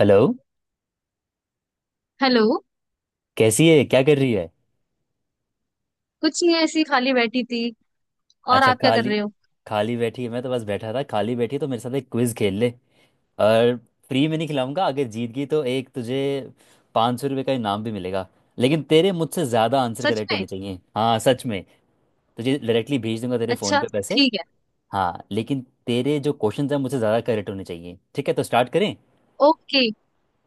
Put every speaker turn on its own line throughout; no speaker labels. Hello.
Hello.
कैसी है? क्या कर रही है?
कुछ नहीं, ऐसी खाली बैठी थी। और
अच्छा।
आप क्या कर
खाली
रहे हो?
खाली बैठी है। मैं तो बस बैठा था। खाली बैठी है, तो मेरे साथ एक क्विज खेल ले। और फ्री में नहीं खिलाऊंगा। अगर जीत गई तो एक तुझे 500 रुपये का इनाम भी मिलेगा। लेकिन तेरे मुझसे ज़्यादा आंसर
सच
करेक्ट
में?
होने चाहिए। हाँ सच में। तुझे डायरेक्टली भेज दूंगा तेरे फ़ोन
अच्छा।
पे पैसे।
ठीक है।
हाँ, लेकिन तेरे जो क्वेश्चन हैं मुझसे ज़्यादा करेक्ट होने चाहिए। ठीक है, तो स्टार्ट करें।
ओके,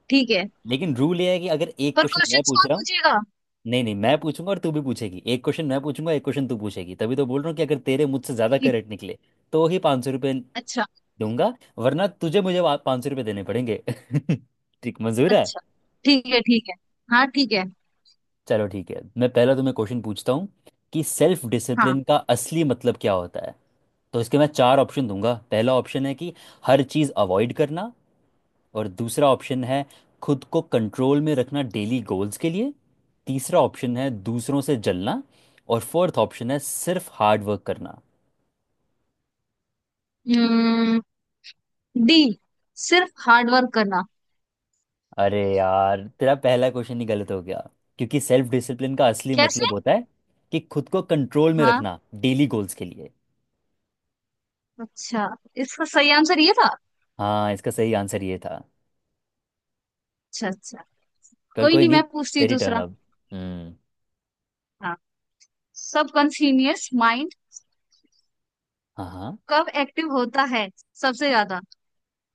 ठीक है।
लेकिन रूल ये है कि अगर एक
पर
क्वेश्चन मैं
क्वेश्चंस
पूछ
कौन
रहा हूँ।
पूछेगा?
नहीं नहीं, मैं पूछूंगा और तू भी पूछेगी। एक क्वेश्चन मैं पूछूंगा, एक क्वेश्चन तू पूछेगी। तभी तो बोल रहा हूँ कि अगर तेरे मुझसे ज़्यादा
ठीक।
करेक्ट निकले तो ही 500 रुपये
अच्छा
दूंगा। वरना तुझे मुझे 500 रुपये देने पड़ेंगे। ठीक। मंजूर है?
अच्छा ठीक है, ठीक है। हाँ ठीक है।
चलो ठीक है। मैं पहला तुम्हें क्वेश्चन पूछता हूँ कि सेल्फ
हाँ,
डिसिप्लिन का असली मतलब क्या होता है? तो इसके मैं चार ऑप्शन दूंगा। पहला ऑप्शन है कि हर चीज़ अवॉइड करना। और दूसरा ऑप्शन है खुद को कंट्रोल में रखना डेली गोल्स के लिए। तीसरा ऑप्शन है दूसरों से जलना। और फोर्थ ऑप्शन है सिर्फ हार्ड वर्क करना।
डी, सिर्फ हार्ड वर्क करना।
अरे यार, तेरा पहला क्वेश्चन ही गलत हो गया। क्योंकि सेल्फ डिसिप्लिन का असली
कैसे?
मतलब होता है कि खुद को कंट्रोल में
हाँ।
रखना डेली गोल्स के लिए।
अच्छा, इसका सही आंसर ये था।
हाँ, इसका सही आंसर ये था।
अच्छा अच्छा।
कल
कोई
कोई
नहीं,
नहीं।
मैं पूछती हूँ
तेरी टर्न
दूसरा।
अब। हम्म।
हाँ, सबकॉन्शियस माइंड
हाँ हाँ।
कब एक्टिव होता है सबसे ज्यादा?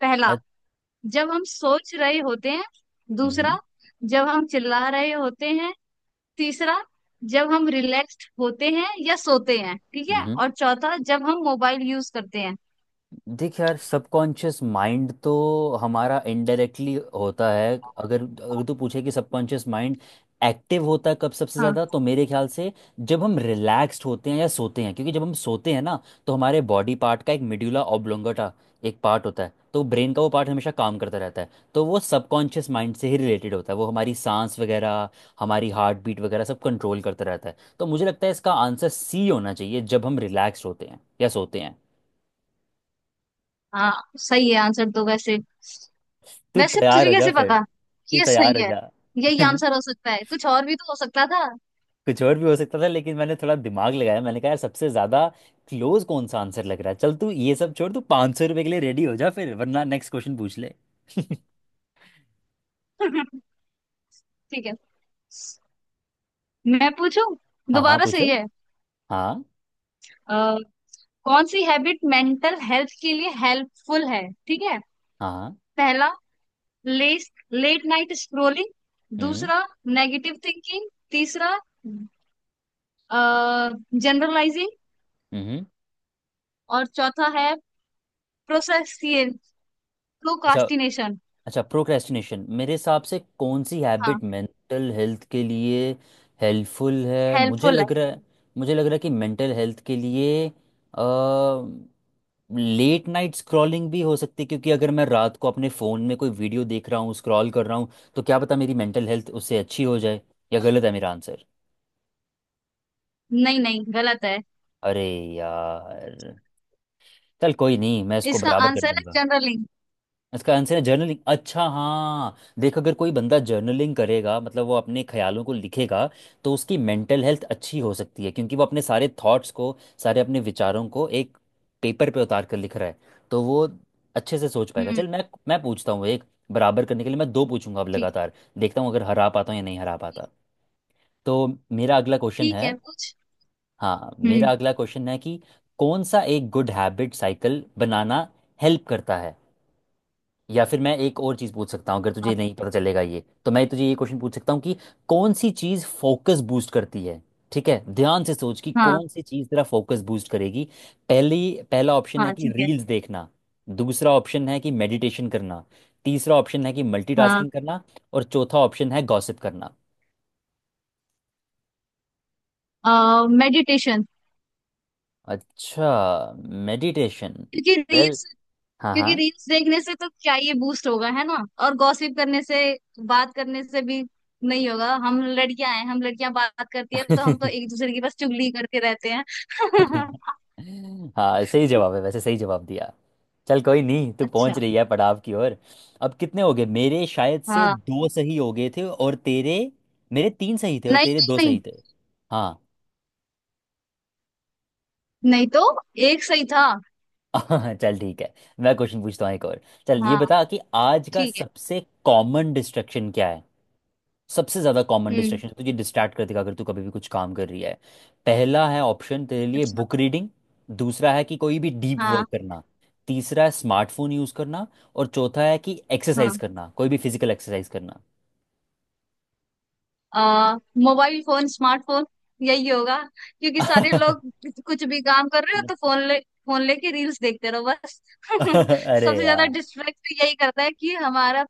पहला,
अ-
जब हम सोच रहे होते हैं। दूसरा,
हम्म।
जब हम चिल्ला रहे होते हैं। तीसरा, जब हम रिलैक्स्ड होते हैं या सोते हैं, ठीक है।
हम्म।
और चौथा, जब हम मोबाइल यूज करते हैं।
देख यार, सबकॉन्शियस माइंड तो हमारा इनडायरेक्टली होता है। अगर अगर तू पूछे कि सबकॉन्शियस माइंड एक्टिव होता है कब सबसे
हाँ।
ज़्यादा, तो मेरे ख्याल से जब हम रिलैक्स्ड होते हैं या सोते हैं। क्योंकि जब हम सोते हैं ना, तो हमारे बॉडी पार्ट का एक मिड्यूला ऑब्लोंगेटा एक पार्ट होता है। तो ब्रेन का वो पार्ट हमेशा काम करता रहता है। तो वो सबकॉन्शियस माइंड से ही रिलेटेड होता है। वो हमारी सांस वगैरह, हमारी हार्ट बीट वगैरह सब कंट्रोल करता रहता है। तो मुझे लगता है इसका आंसर सी होना चाहिए, जब हम रिलैक्स्ड होते हैं या सोते हैं।
हाँ, सही है आंसर तो वैसे।
तू
वैसे
तैयार
तुझे
हो जा
कैसे
फिर।
पता कि
तू
ये
तैयार
सही
हो
है?
जा।
यही आंसर हो सकता है, कुछ और भी तो हो सकता था।
कुछ और भी हो सकता था, लेकिन मैंने थोड़ा दिमाग लगाया। मैंने कहा यार सबसे ज्यादा क्लोज कौन सा आंसर लग रहा है। चल तू ये सब छोड़, तू 500 रुपये के लिए रेडी हो जा फिर, वरना नेक्स्ट क्वेश्चन पूछ ले।
ठीक है, मैं पूछूं?
हाँ हाँ,
दोबारा सही
पूछो।
है।
हाँ
अ, कौन सी हैबिट मेंटल हेल्थ के लिए हेल्पफुल है? ठीक है।
हाँ। हाँ।
पहला, लेस लेट नाइट स्क्रोलिंग।
हम्म।
दूसरा, नेगेटिव थिंकिंग। तीसरा, जनरलाइजिंग।
हम्म। हम्म।
और चौथा है प्रोसेसियल
अच्छा।
प्रोकास्टिनेशन।
अच्छा, प्रोक्रेस्टिनेशन मेरे हिसाब से कौन सी
हाँ।
हैबिट मेंटल हेल्थ के लिए हेल्पफुल है? मुझे
हेल्पफुल है।
लग रहा है। मुझे लग रहा है कि मेंटल हेल्थ के लिए लेट नाइट स्क्रॉलिंग भी हो सकती है। क्योंकि अगर मैं रात को अपने फ़ोन में कोई वीडियो देख रहा हूँ, स्क्रॉल कर रहा हूँ, तो क्या पता मेरी मेंटल हेल्थ उससे अच्छी हो जाए। या गलत है मेरा आंसर?
नहीं नहीं, गलत है।
अरे यार। चल कोई नहीं, मैं इसको
इसका
बराबर कर
आंसर है
दूंगा।
जनरलिंग।
इसका आंसर है जर्नलिंग। अच्छा हाँ, देखो अगर कोई बंदा जर्नलिंग करेगा, मतलब वो अपने ख्यालों को लिखेगा, तो उसकी मेंटल हेल्थ अच्छी हो सकती है। क्योंकि वो अपने सारे थॉट्स को, सारे अपने विचारों को एक पेपर पे उतार कर लिख रहा है। तो वो अच्छे से सोच पाएगा।
हम्म।
चल मैं पूछता हूँ एक। बराबर करने के लिए मैं दो पूछूंगा अब
ठीक।
लगातार। देखता हूँ अगर हरा पाता हूँ या नहीं हरा पाता। तो मेरा अगला क्वेश्चन
ठीक
है।
है कुछ।
हाँ, मेरा
हम्म।
अगला क्वेश्चन है कि कौन सा एक गुड हैबिट साइकिल बनाना हेल्प करता है? या फिर मैं एक और चीज़ पूछ सकता हूँ, अगर
हाँ।
तुझे नहीं पता चलेगा ये तो मैं तुझे ये क्वेश्चन पूछ सकता हूँ कि कौन सी चीज़ फोकस बूस्ट करती है? ठीक है, ध्यान से सोच कि
हाँ
कौन सी चीज़ तेरा फोकस बूस्ट करेगी। पहली, पहला ऑप्शन है
हाँ,
कि
ठीक है।
रील्स देखना। दूसरा ऑप्शन है कि मेडिटेशन करना। तीसरा ऑप्शन है कि मल्टीटास्किंग करना। और चौथा ऑप्शन है गॉसिप करना।
हाँ, मेडिटेशन।
अच्छा, मेडिटेशन।
क्योंकि
वेल।
रील्स।
हाँ।
क्योंकि रील्स देखने से तो क्या ये बूस्ट होगा, है ना? और गॉसिप करने से, बात करने से भी नहीं होगा। हम लड़कियां हैं, हम लड़कियां बात करती है तो हम तो
हाँ।
एक दूसरे की बस चुगली करते रहते हैं।
हाँ सही जवाब है, वैसे सही जवाब दिया। चल कोई नहीं, तू पहुंच
अच्छा।
रही है पड़ाव की ओर। अब कितने हो गए मेरे, शायद से
हाँ।
दो सही हो गए थे। और तेरे, मेरे तीन सही थे और
नहीं
तेरे
नहीं
दो
नहीं
सही थे। हाँ।
नहीं तो एक सही था।
चल ठीक है। मैं क्वेश्चन पूछता हूँ एक और। चल ये
हाँ
बता कि आज का
ठीक है।
सबसे कॉमन डिस्ट्रक्शन क्या है? सबसे ज़्यादा कॉमन
हम्म।
डिस्ट्रैक्शन तुझे डिस्ट्रैक्ट कर देगा, अगर तू कभी भी कुछ काम कर रही है। पहला है ऑप्शन तेरे लिए
अच्छा।
Book reading. दूसरा है कि कोई भी डीप
हाँ।
वर्क करना। तीसरा है स्मार्टफोन यूज़ करना। और चौथा है कि एक्सरसाइज
हाँ,
करना, कोई भी फिजिकल एक्सरसाइज करना।
आ, मोबाइल फोन, स्मार्टफोन, यही होगा। क्योंकि सारे लोग, कुछ भी काम कर रहे हो तो फोन ले, फोन लेके रील्स देखते रहो बस।
अरे
सबसे ज्यादा
यार,
डिस्ट्रैक्ट यही करता है कि हमारा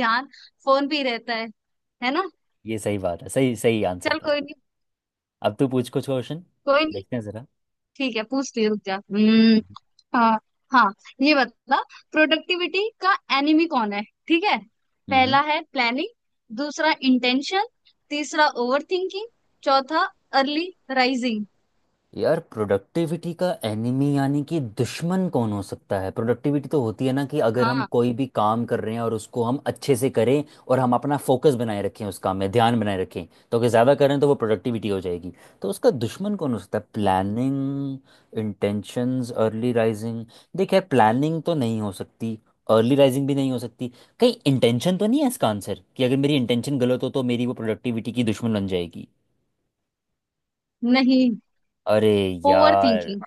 ध्यान फोन पे ही रहता है ना?
ये सही बात है। सही, सही आंसर
चल
था।
कोई नहीं।
अब तू पूछ कुछ क्वेश्चन।
कोई नहीं।
देखते हैं
ठीक है, पूछ ले, रुक जा। हम्म। हाँ। हाँ, ये बता, प्रोडक्टिविटी का एनिमी कौन है? ठीक है।
ज़रा।
पहला है प्लानिंग। दूसरा, इंटेंशन। तीसरा, ओवर थिंकिंग। चौथा, अर्ली राइजिंग।
यार, प्रोडक्टिविटी का एनिमी यानी कि दुश्मन कौन हो सकता है? प्रोडक्टिविटी तो होती है ना कि अगर हम
हाँ।
कोई भी काम कर रहे हैं, और उसको हम अच्छे से करें, और हम अपना फोकस बनाए रखें, उस काम में ध्यान बनाए रखें, तो अगर ज़्यादा करें तो वो प्रोडक्टिविटी हो जाएगी। तो उसका दुश्मन कौन हो सकता है? Planning, intentions, early rising. देख यार, प्लानिंग तो नहीं हो सकती। अर्ली राइजिंग भी नहीं हो सकती। कहीं इंटेंशन तो नहीं है इसका आंसर, कि अगर मेरी इंटेंशन गलत हो तो मेरी वो प्रोडक्टिविटी की दुश्मन बन जाएगी।
नहीं,
अरे
ओवर
यार।
थिंकिंग।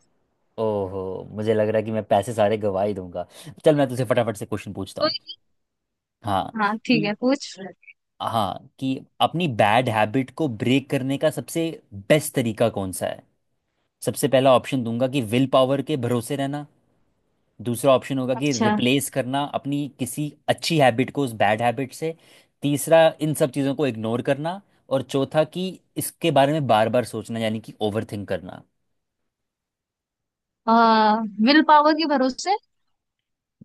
ओहो, मुझे लग रहा है कि मैं पैसे सारे गवा ही दूंगा। चल मैं तुझसे फटाफट से क्वेश्चन पूछता हूँ।
कोई।
हाँ
हाँ ठीक
कि,
है, पूछ।
हाँ कि अपनी बैड हैबिट को ब्रेक करने का सबसे बेस्ट तरीका कौन सा है? सबसे पहला ऑप्शन दूंगा कि विल पावर के भरोसे रहना। दूसरा ऑप्शन होगा कि
अच्छा।
रिप्लेस करना अपनी किसी अच्छी हैबिट को उस बैड हैबिट से। तीसरा, इन सब चीज़ों को इग्नोर करना। और चौथा, कि इसके बारे में बार बार सोचना, यानी कि ओवर थिंक करना।
आ, विल पावर के भरोसे।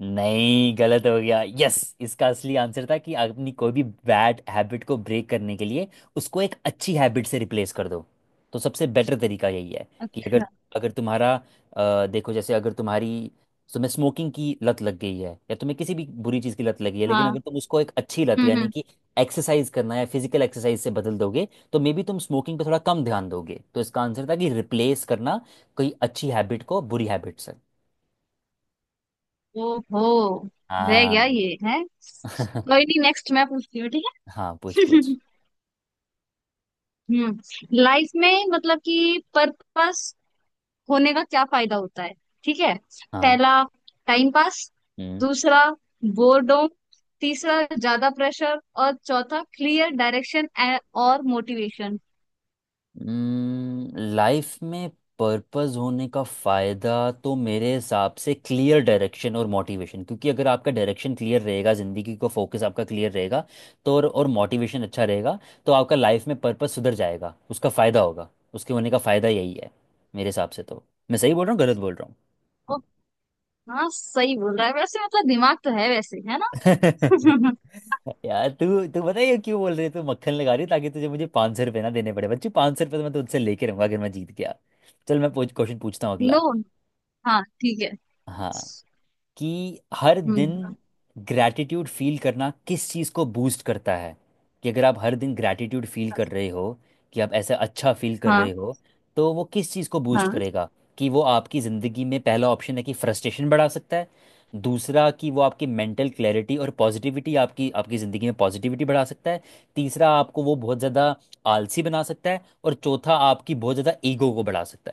नहीं, गलत हो गया। यस, इसका असली आंसर था कि अपनी कोई भी बैड हैबिट को ब्रेक करने के लिए उसको एक अच्छी हैबिट से रिप्लेस कर दो। तो सबसे बेटर तरीका यही है कि अगर,
अच्छा।
अगर तुम्हारा, देखो जैसे अगर तुम्हारी, तुम्हें स्मोकिंग की लत लग गई है, या तुम्हें किसी भी बुरी चीज़ की लत लगी है, लेकिन
हाँ।
अगर तुम उसको एक अच्छी लत यानी
हम्म।
कि एक्सरसाइज करना या फिजिकल एक्सरसाइज से बदल दोगे, तो मे बी तुम स्मोकिंग पे थोड़ा कम ध्यान दोगे। तो इसका आंसर था कि रिप्लेस करना कोई अच्छी हैबिट को बुरी हैबिट से।
ओहो, रह गया,
हाँ।
ये है। कोई नहीं, नेक्स्ट मैं पूछती हूँ, ठीक
हाँ, पूछ
है।
पूछ।
हम्म। लाइफ में मतलब कि पर्पस होने का क्या फायदा होता है? ठीक है।
हाँ।
पहला, टाइम पास।
हम्म।
दूसरा, बोर्डम। तीसरा, ज्यादा प्रेशर। और चौथा, क्लियर डायरेक्शन और मोटिवेशन।
लाइफ में पर्पस होने का फायदा तो मेरे हिसाब से क्लियर डायरेक्शन और मोटिवेशन, क्योंकि अगर आपका डायरेक्शन क्लियर रहेगा, जिंदगी का फोकस आपका क्लियर रहेगा, तो और मोटिवेशन अच्छा रहेगा, तो आपका लाइफ में पर्पस सुधर जाएगा, उसका फायदा होगा। उसके होने का फायदा यही है मेरे हिसाब से तो। मैं सही बोल रहा हूँ गलत बोल रहा हूँ?
ओ, हाँ सही बोल रहा है वैसे, मतलब दिमाग तो है वैसे, है ना?
यार तू, तू बताइए क्यों बोल रही है। तू मक्खन लगा रही है ताकि तुझे मुझे पाँच सौ रुपये ना देने पड़े। बच्ची 500 रुपये तो मैं तुझसे लेके रहूंगा अगर मैं जीत गया। चल मैं पूछ, क्वेश्चन पूछता हूँ
नो।
अगला।
हाँ ठीक है।
हाँ, कि हर दिन
हम्म।
ग्रैटिट्यूड फील करना किस चीज़ को बूस्ट करता है? कि अगर आप हर दिन ग्रैटिट्यूड फील कर
अच्छा,
रहे हो, कि आप ऐसा अच्छा फील कर
हाँ।
रहे हो, तो वो किस चीज़ को बूस्ट करेगा? कि वो आपकी ज़िंदगी में, पहला ऑप्शन है कि फ्रस्ट्रेशन बढ़ा सकता है। दूसरा, कि वो आपकी मेंटल क्लैरिटी और पॉजिटिविटी, आपकी आपकी ज़िंदगी में पॉजिटिविटी बढ़ा सकता है। तीसरा, आपको वो बहुत ज़्यादा आलसी बना सकता है। और चौथा, आपकी बहुत ज़्यादा ईगो को बढ़ा सकता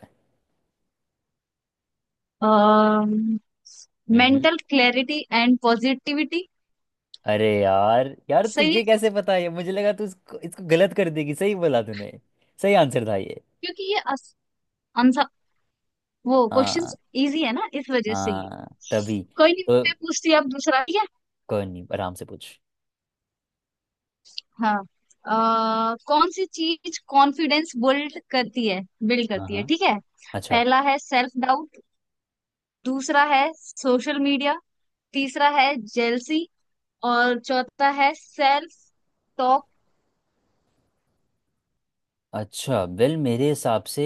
हाँ,
है।
Mental clarity and positivity.
अरे यार, यार
सही
तुझे
है।
कैसे पता है? मुझे लगा तू इसको गलत कर देगी। सही बोला तूने। सही आंसर था ये।
क्योंकि ये आंसर, वो
हाँ,
क्वेश्चंस इजी है ना, इस वजह से ये।
हाँ तभी
कोई नहीं,
तो।
मैं पूछती अब दूसरा, ठीक है।
कोई नहीं आराम से पूछ।
हाँ। अ, कौन सी चीज कॉन्फिडेंस बिल्ड करती है, बिल्ड
हाँ
करती है,
हाँ।
ठीक है।
अच्छा।
पहला है सेल्फ डाउट। दूसरा है सोशल मीडिया। तीसरा है जेलसी। और चौथा है सेल्फ टॉक।
अच्छा वेल, मेरे हिसाब से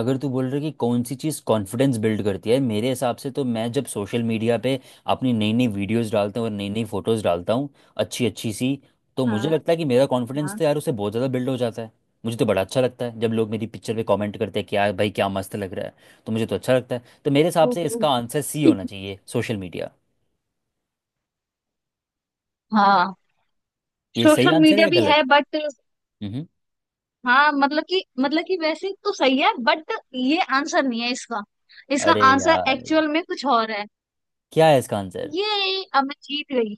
अगर तू बोल रहा है कि कौन सी चीज़ कॉन्फिडेंस बिल्ड करती है, मेरे हिसाब से तो मैं जब सोशल मीडिया पे अपनी नई नई वीडियोस डालता हूँ और नई नई फोटोज़ डालता हूँ, अच्छी अच्छी सी, तो मुझे
हाँ
लगता है कि मेरा कॉन्फिडेंस
हाँ
तो यार उससे बहुत ज़्यादा बिल्ड हो जाता है। मुझे तो बड़ा अच्छा लगता है जब लोग मेरी पिक्चर पे कमेंट करते हैं कि यार भाई क्या मस्त लग रहा है। तो मुझे तो अच्छा लगता है। तो मेरे हिसाब
हम्म,
से इसका
हम्म।
आंसर सी होना चाहिए, सोशल मीडिया।
हाँ।
ये सही
सोशल
आंसर है
मीडिया
या
भी
गलत?
है, बट,
हम्म।
हाँ, मतलब कि, मतलब कि वैसे तो सही है, बट ये आंसर नहीं है इसका। इसका
अरे
आंसर
यार,
एक्चुअल में कुछ और है।
क्या है इसका आंसर?
ये, अब मैं जीत गई,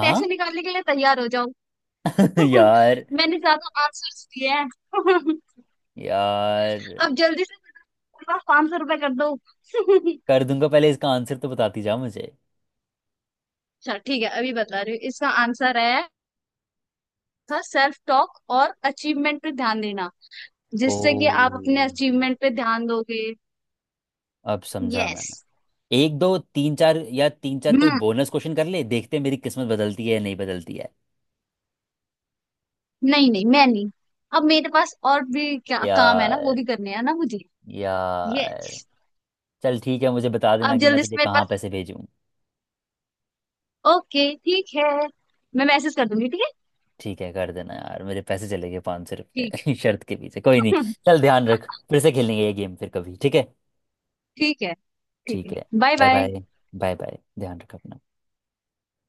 पैसे निकालने के लिए तैयार हो जाओ।
यार,
मैंने ज्यादा आंसर्स दिए हैं।
यार
अब जल्दी से, बस 500 रुपए कर दो।
कर दूंगा, पहले इसका आंसर तो बताती जा मुझे।
अच्छा ठीक है, अभी बता रही हूँ। इसका आंसर है, था सेल्फ टॉक और अचीवमेंट पे ध्यान देना,
ओ,
जिससे कि आप अपने अचीवमेंट पे ध्यान दोगे।
अब समझा
यस।
मैंने। एक दो तीन चार, या तीन चार कोई बोनस क्वेश्चन कर ले, देखते हैं मेरी किस्मत बदलती है या नहीं बदलती है।
नहीं नहीं मैं नहीं, अब मेरे पास और भी क्या काम है ना, वो
यार।
भी करने हैं ना मुझे।
यार,
यस।
चल ठीक है, मुझे बता देना
अब
कि मैं
जल्दी से
तुझे
मेरे
कहाँ
पास।
पैसे भेजूँ।
ओके ठीक है, मैं मैसेज कर दूंगी।
ठीक है, कर देना यार। मेरे पैसे चले गए पाँच सौ
ठीक है,
रुपये शर्त के पीछे, कोई
ठीक
नहीं।
है।
चल ध्यान रख, फिर से खेलेंगे ये गेम फिर कभी, ठीक है।
ठीक है, ठीक
ठीक
है।
है।
Bye
bye
bye.
Bye. Bye bye. ध्यान रख अपना।